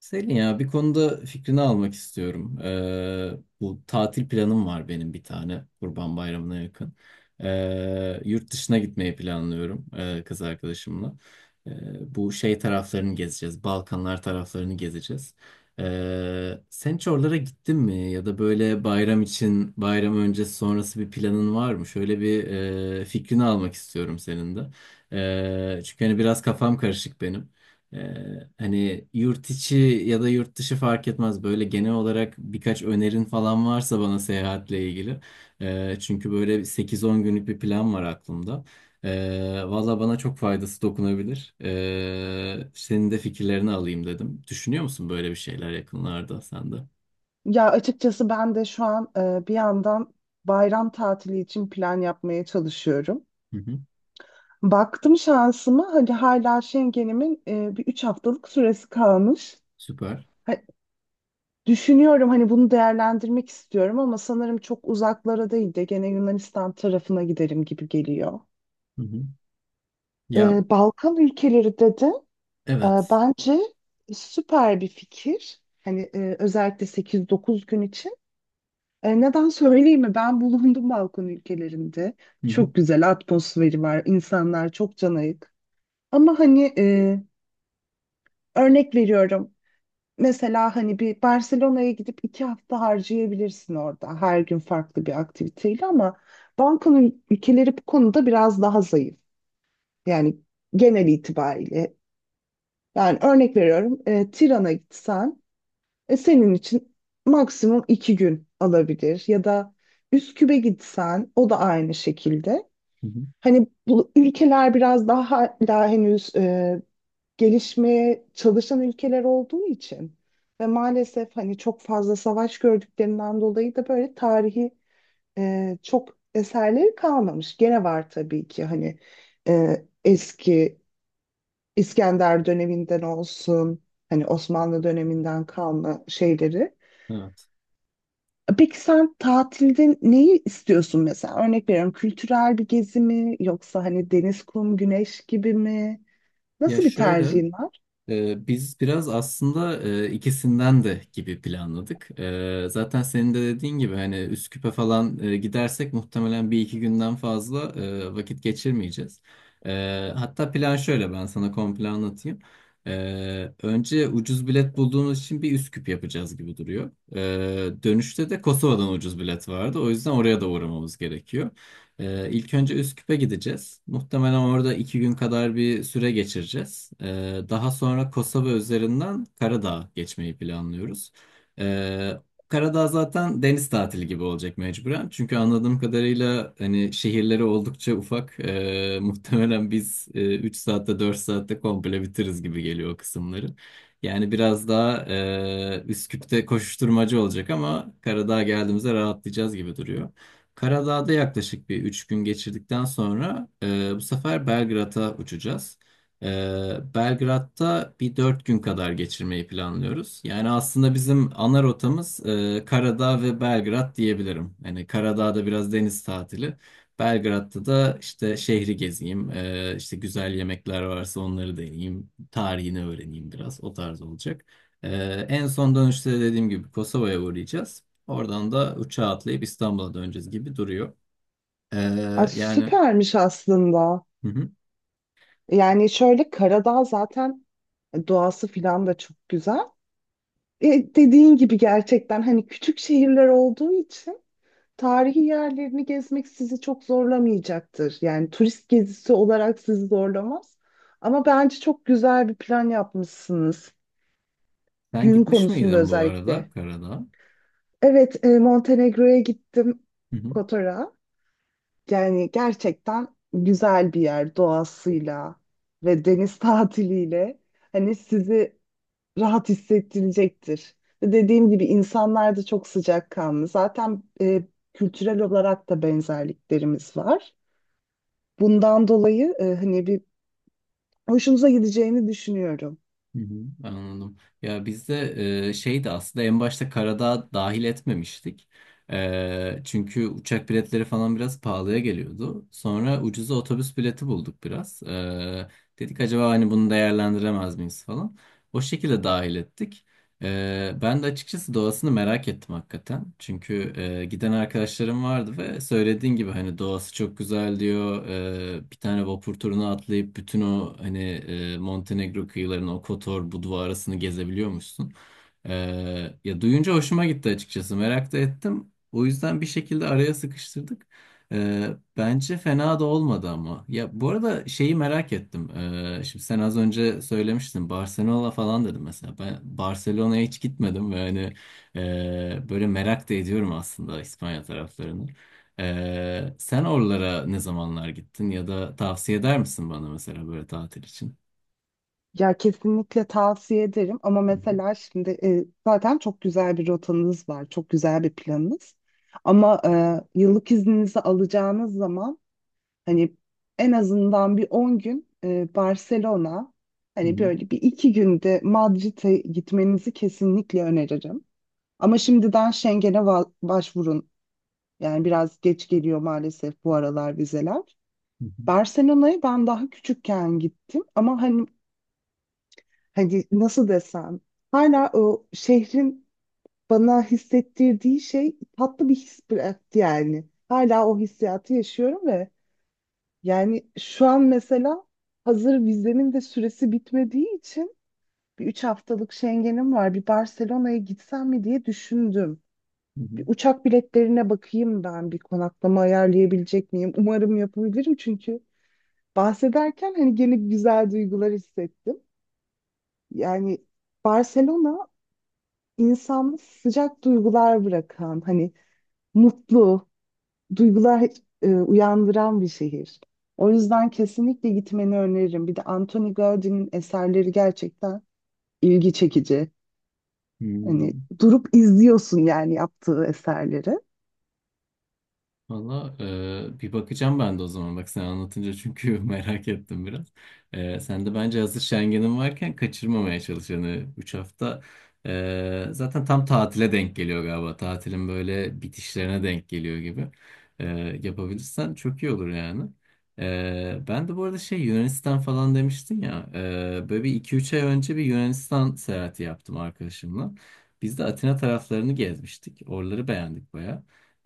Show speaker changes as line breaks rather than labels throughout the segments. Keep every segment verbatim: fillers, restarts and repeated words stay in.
Selin, ya bir konuda fikrini almak istiyorum. Ee, bu tatil planım var benim, bir tane Kurban Bayramı'na yakın. Ee, yurt dışına gitmeyi planlıyorum e, kız arkadaşımla. Ee, bu şey taraflarını gezeceğiz. Balkanlar taraflarını gezeceğiz. Ee, sen hiç oralara gittin mi? Ya da böyle bayram için, bayram öncesi sonrası bir planın var mı? Şöyle bir e, fikrini almak istiyorum senin de. Ee, çünkü hani biraz kafam karışık benim. Ee, hani yurt içi ya da yurt dışı fark etmez. Böyle genel olarak birkaç önerin falan varsa bana, seyahatle ilgili. Ee, çünkü böyle sekiz on günlük bir plan var aklımda. Ee, valla bana çok faydası dokunabilir. Ee, senin de fikirlerini alayım dedim. Düşünüyor musun böyle bir şeyler yakınlarda, sen de?
Ya açıkçası ben de şu an e, bir yandan bayram tatili için plan yapmaya çalışıyorum.
Hı hı.
Baktım şansıma hani hala Schengen'imin e, bir üç haftalık süresi kalmış.
Süper.
Ha- Düşünüyorum hani bunu değerlendirmek istiyorum ama sanırım çok uzaklara değil de gene Yunanistan tarafına giderim gibi geliyor.
Hı hı. Ya,
E, Balkan ülkeleri dedi. E,
evet.
bence süper bir fikir. Hani e, özellikle sekiz dokuz gün için. E, neden söyleyeyim mi? Ben bulundum Balkan ülkelerinde.
Hı hı.
Çok güzel atmosferi var. İnsanlar çok canayık. Ama hani e, örnek veriyorum. Mesela hani bir Barcelona'ya gidip iki hafta harcayabilirsin orada. Her gün farklı bir aktiviteyle ama Balkan ül- ülkeleri bu konuda biraz daha zayıf. Yani genel itibariyle. Yani örnek veriyorum. E, Tiran'a gitsen E, senin için maksimum iki gün alabilir ya da Üsküp'e gitsen o da aynı şekilde.
Hı hı.
Hani bu ülkeler biraz daha hala henüz e, gelişmeye çalışan ülkeler olduğu için ve maalesef hani çok fazla savaş gördüklerinden dolayı da böyle tarihi e, çok eserleri kalmamış. Gene var tabii ki hani e, eski İskender döneminden olsun hani Osmanlı döneminden kalma şeyleri.
Evet.
Peki sen tatilde neyi istiyorsun mesela? Örnek veriyorum, kültürel bir gezi mi yoksa hani deniz, kum, güneş gibi mi?
Ya,
Nasıl bir
şöyle.
tercihin var?
Ee, Biz biraz aslında e, ikisinden de gibi planladık. Ee, Zaten senin de dediğin gibi hani Üsküp'e falan e, gidersek muhtemelen bir iki günden fazla e, vakit geçirmeyeceğiz. Ee, Hatta plan şöyle, ben sana komple anlatayım. Ee, Önce ucuz bilet bulduğumuz için bir Üsküp yapacağız gibi duruyor. Ee, Dönüşte de Kosova'dan ucuz bilet vardı. O yüzden oraya da uğramamız gerekiyor. Ee, ilk önce Üsküp'e gideceğiz. Muhtemelen orada iki gün kadar bir süre geçireceğiz. Ee, daha sonra Kosova üzerinden Karadağ'a geçmeyi planlıyoruz. Ee, Karadağ zaten deniz tatili gibi olacak mecburen. Çünkü anladığım kadarıyla hani şehirleri oldukça ufak. Ee, muhtemelen biz e, üç saatte, dört saatte komple bitiririz gibi geliyor o kısımları. Yani biraz daha e, Üsküp'te koşuşturmacı olacak ama Karadağ'a geldiğimizde rahatlayacağız gibi duruyor. Karadağ'da yaklaşık bir üç gün geçirdikten sonra e, bu sefer Belgrad'a uçacağız. E, Belgrad'da bir dört gün kadar geçirmeyi planlıyoruz. Yani aslında bizim ana rotamız e, Karadağ ve Belgrad diyebilirim. Yani Karadağ'da biraz deniz tatili. Belgrad'da da işte şehri gezeyim, e, işte güzel yemekler varsa onları deneyeyim, tarihini öğreneyim biraz, o tarz olacak. E, En son dönüşte de, dediğim gibi, Kosova'ya uğrayacağız. Oradan da uçağa atlayıp İstanbul'a döneceğiz gibi duruyor. Ee,
Aa,
Yani,
süpermiş aslında.
hı hı.
Yani şöyle, Karadağ zaten doğası filan da çok güzel. E, dediğin gibi gerçekten hani küçük şehirler olduğu için tarihi yerlerini gezmek sizi çok zorlamayacaktır. Yani turist gezisi olarak sizi zorlamaz. Ama bence çok güzel bir plan yapmışsınız.
Sen
Gün
gitmiş
konusunda
miydin bu arada
özellikle.
karada?
Evet, e, Montenegro'ya gittim,
Hı hı.
Kotor'a. Yani gerçekten güzel bir yer doğasıyla ve deniz tatiliyle. Hani sizi rahat hissettirecektir. Ve dediğim gibi insanlar da çok sıcakkanlı. Zaten e, kültürel olarak da benzerliklerimiz var. Bundan dolayı e, hani bir hoşunuza gideceğini düşünüyorum.
Hı hı. Anladım. Ya, bizde e, şeydi aslında en başta karada dahil etmemiştik. Ee, çünkü uçak biletleri falan biraz pahalıya geliyordu. Sonra ucuza otobüs bileti bulduk biraz. Ee, dedik, acaba hani bunu değerlendiremez miyiz falan. O şekilde dahil ettik. Ee, ben de açıkçası doğasını merak ettim hakikaten. Çünkü e, giden arkadaşlarım vardı ve söylediğin gibi hani doğası çok güzel diyor. Ee, bir tane vapur turuna atlayıp bütün o hani e, Montenegro kıyılarını, o Kotor, Budva arasını gezebiliyormuşsun. Ee, Ya, duyunca hoşuma gitti açıkçası. Merak da ettim. O yüzden bir şekilde araya sıkıştırdık. Ee, bence fena da olmadı ama. Ya, bu arada şeyi merak ettim. Ee, şimdi sen az önce söylemiştin, Barcelona falan dedim mesela. Ben Barcelona'ya hiç gitmedim ve hani e, böyle merak da ediyorum aslında İspanya taraflarını. Ee, sen oralara ne zamanlar gittin, ya da tavsiye eder misin bana mesela böyle tatil için?
Ya kesinlikle tavsiye ederim ama
Hı
mesela şimdi e, zaten çok güzel bir rotanız var, çok güzel bir planınız. Ama e, yıllık izninizi alacağınız zaman hani en azından bir on gün e, Barcelona, hani
hı,
böyle bir iki günde Madrid'e gitmenizi kesinlikle öneririm. Ama şimdiden Schengen'e va- başvurun. Yani biraz geç geliyor maalesef bu aralar vizeler.
hı hı,
Barcelona'ya ben daha küçükken gittim ama hani hani nasıl desem, hala o şehrin bana hissettirdiği şey tatlı bir his bıraktı yani. Hala o hissiyatı yaşıyorum ve yani şu an mesela hazır vizemin de süresi bitmediği için bir üç haftalık Schengen'im var. Bir Barcelona'ya gitsem mi diye düşündüm.
hı hı,
Bir uçak biletlerine bakayım, ben bir konaklama ayarlayabilecek miyim? Umarım yapabilirim çünkü bahsederken hani gene güzel duygular hissettim. Yani Barcelona insanda sıcak duygular bırakan, hani mutlu duygular e, uyandıran bir şehir. O yüzden kesinlikle gitmeni öneririm. Bir de Anthony Gaudi'nin eserleri gerçekten ilgi çekici.
hı hı.
Hani durup izliyorsun yani yaptığı eserleri.
Valla, e, bir bakacağım ben de o zaman bak, sen anlatınca, çünkü merak ettim biraz. E, sen de bence hazır Schengen'in varken kaçırmamaya çalış. Yani üç hafta e, zaten tam tatile denk geliyor galiba. Tatilin böyle bitişlerine denk geliyor gibi. E, Yapabilirsen çok iyi olur yani. E, ben de bu arada, şey, Yunanistan falan demiştin ya. E, böyle bir iki üç ay önce bir Yunanistan seyahati yaptım arkadaşımla. Biz de Atina taraflarını gezmiştik. Oraları beğendik,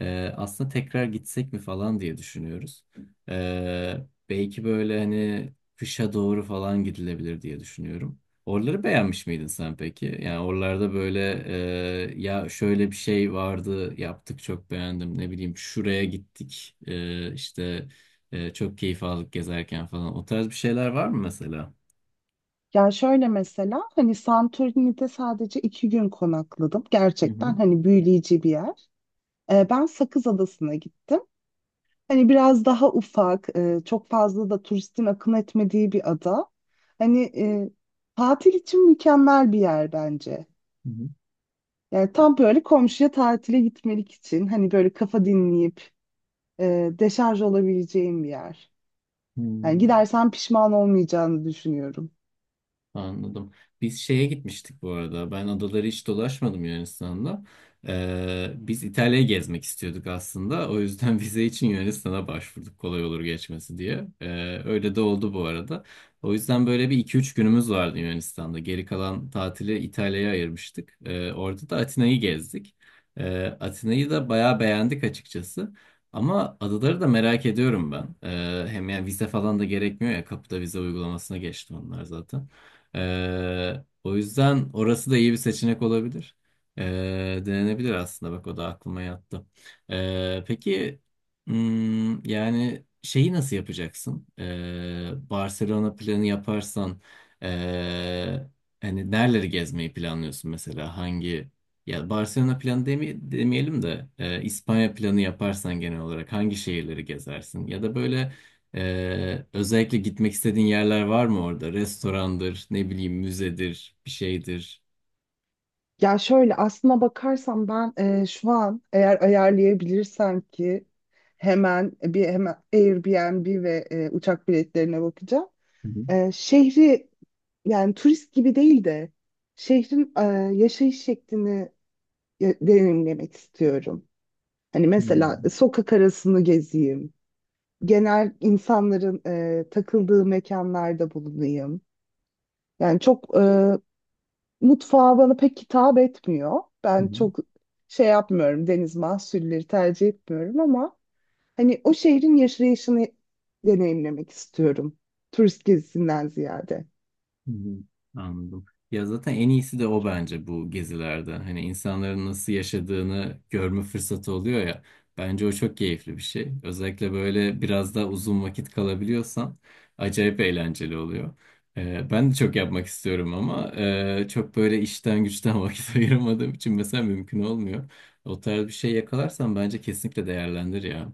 ee, aslında tekrar gitsek mi falan diye düşünüyoruz. Ee, Belki böyle hani kışa doğru falan gidilebilir diye düşünüyorum. Oraları beğenmiş miydin sen peki? Yani oralarda böyle e, ya, şöyle bir şey vardı yaptık çok beğendim, ne bileyim şuraya gittik e, işte e, çok keyif aldık gezerken falan. O tarz bir şeyler var mı mesela?
Ya şöyle, mesela hani Santorini'de sadece iki gün konakladım.
Hı
Gerçekten
hı.
hani büyüleyici bir yer. Ee, ben Sakız Adası'na gittim. Hani biraz daha ufak, e, çok fazla da turistin akın etmediği bir ada. Hani e, tatil için mükemmel bir yer bence.
Hı hı.
Yani tam böyle komşuya tatile gitmelik için hani böyle kafa dinleyip e, deşarj olabileceğim bir yer. Yani
Hmm.
gidersen pişman olmayacağını düşünüyorum.
Anladım. Biz şeye gitmiştik bu arada. Ben adaları hiç dolaşmadım Yunanistan'da. Ee, biz İtalya'yı gezmek istiyorduk aslında. O yüzden vize için Yunanistan'a başvurduk, kolay olur geçmesi diye. Ee, öyle de oldu bu arada. O yüzden böyle bir iki üç günümüz vardı Yunanistan'da. Geri kalan tatili İtalya'ya ayırmıştık. Ee, orada da Atina'yı gezdik. Ee, Atina'yı da bayağı beğendik açıkçası. Ama adaları da merak ediyorum ben. Ee, hem yani vize falan da gerekmiyor ya. Kapıda vize uygulamasına geçti onlar zaten. Ee, o yüzden orası da iyi bir seçenek olabilir. Ee, denenebilir aslında, bak o da aklıma yattı. Ee, peki, hmm, yani şeyi nasıl yapacaksın? Ee, Barcelona planı yaparsan ee, hani nereleri gezmeyi planlıyorsun mesela? Hangi ya Barcelona planı demi- demeyelim de ee, İspanya planı yaparsan genel olarak hangi şehirleri gezersin? Ya da böyle ee, özellikle gitmek istediğin yerler var mı orada? Restorandır, ne bileyim, müzedir, bir şeydir.
Ya şöyle, aslına bakarsam ben e, şu an eğer ayarlayabilirsem ki hemen bir hemen Airbnb ve e, uçak biletlerine bakacağım.
Hı hı.
E, şehri yani turist gibi değil de şehrin e, yaşayış şeklini e, deneyimlemek istiyorum. Hani mesela
Hmm.
sokak arasını gezeyim. Genel insanların e, takıldığı mekanlarda bulunayım. Yani çok e, mutfağı bana pek hitap etmiyor.
Hı
Ben
hı.
çok şey yapmıyorum, deniz mahsulleri tercih etmiyorum ama hani o şehrin yaşayışını deneyimlemek istiyorum. Turist gezisinden ziyade.
Hı hı. Anladım. Ya, zaten en iyisi de o bence bu gezilerde. Hani insanların nasıl yaşadığını görme fırsatı oluyor ya. Bence o çok keyifli bir şey. Özellikle böyle biraz daha uzun vakit kalabiliyorsan, acayip eğlenceli oluyor. Ee, ben de çok yapmak istiyorum ama e, çok böyle işten güçten vakit ayıramadığım için mesela mümkün olmuyor. O tarz bir şey yakalarsan bence kesinlikle değerlendir ya.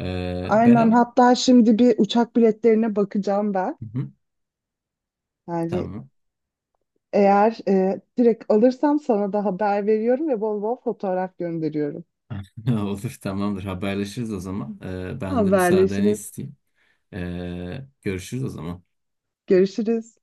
Ee, ben
Aynen,
ama...
hatta şimdi bir uçak biletlerine bakacağım ben.
Hı hı,
Yani
tamam.
eğer e, direkt alırsam sana da haber veriyorum ve bol bol fotoğraf gönderiyorum.
Olur, tamamdır, haberleşiriz o zaman. Ee, ben de müsaadeni
Haberleşiriz.
isteyeyim. Ee, görüşürüz o zaman.
Görüşürüz.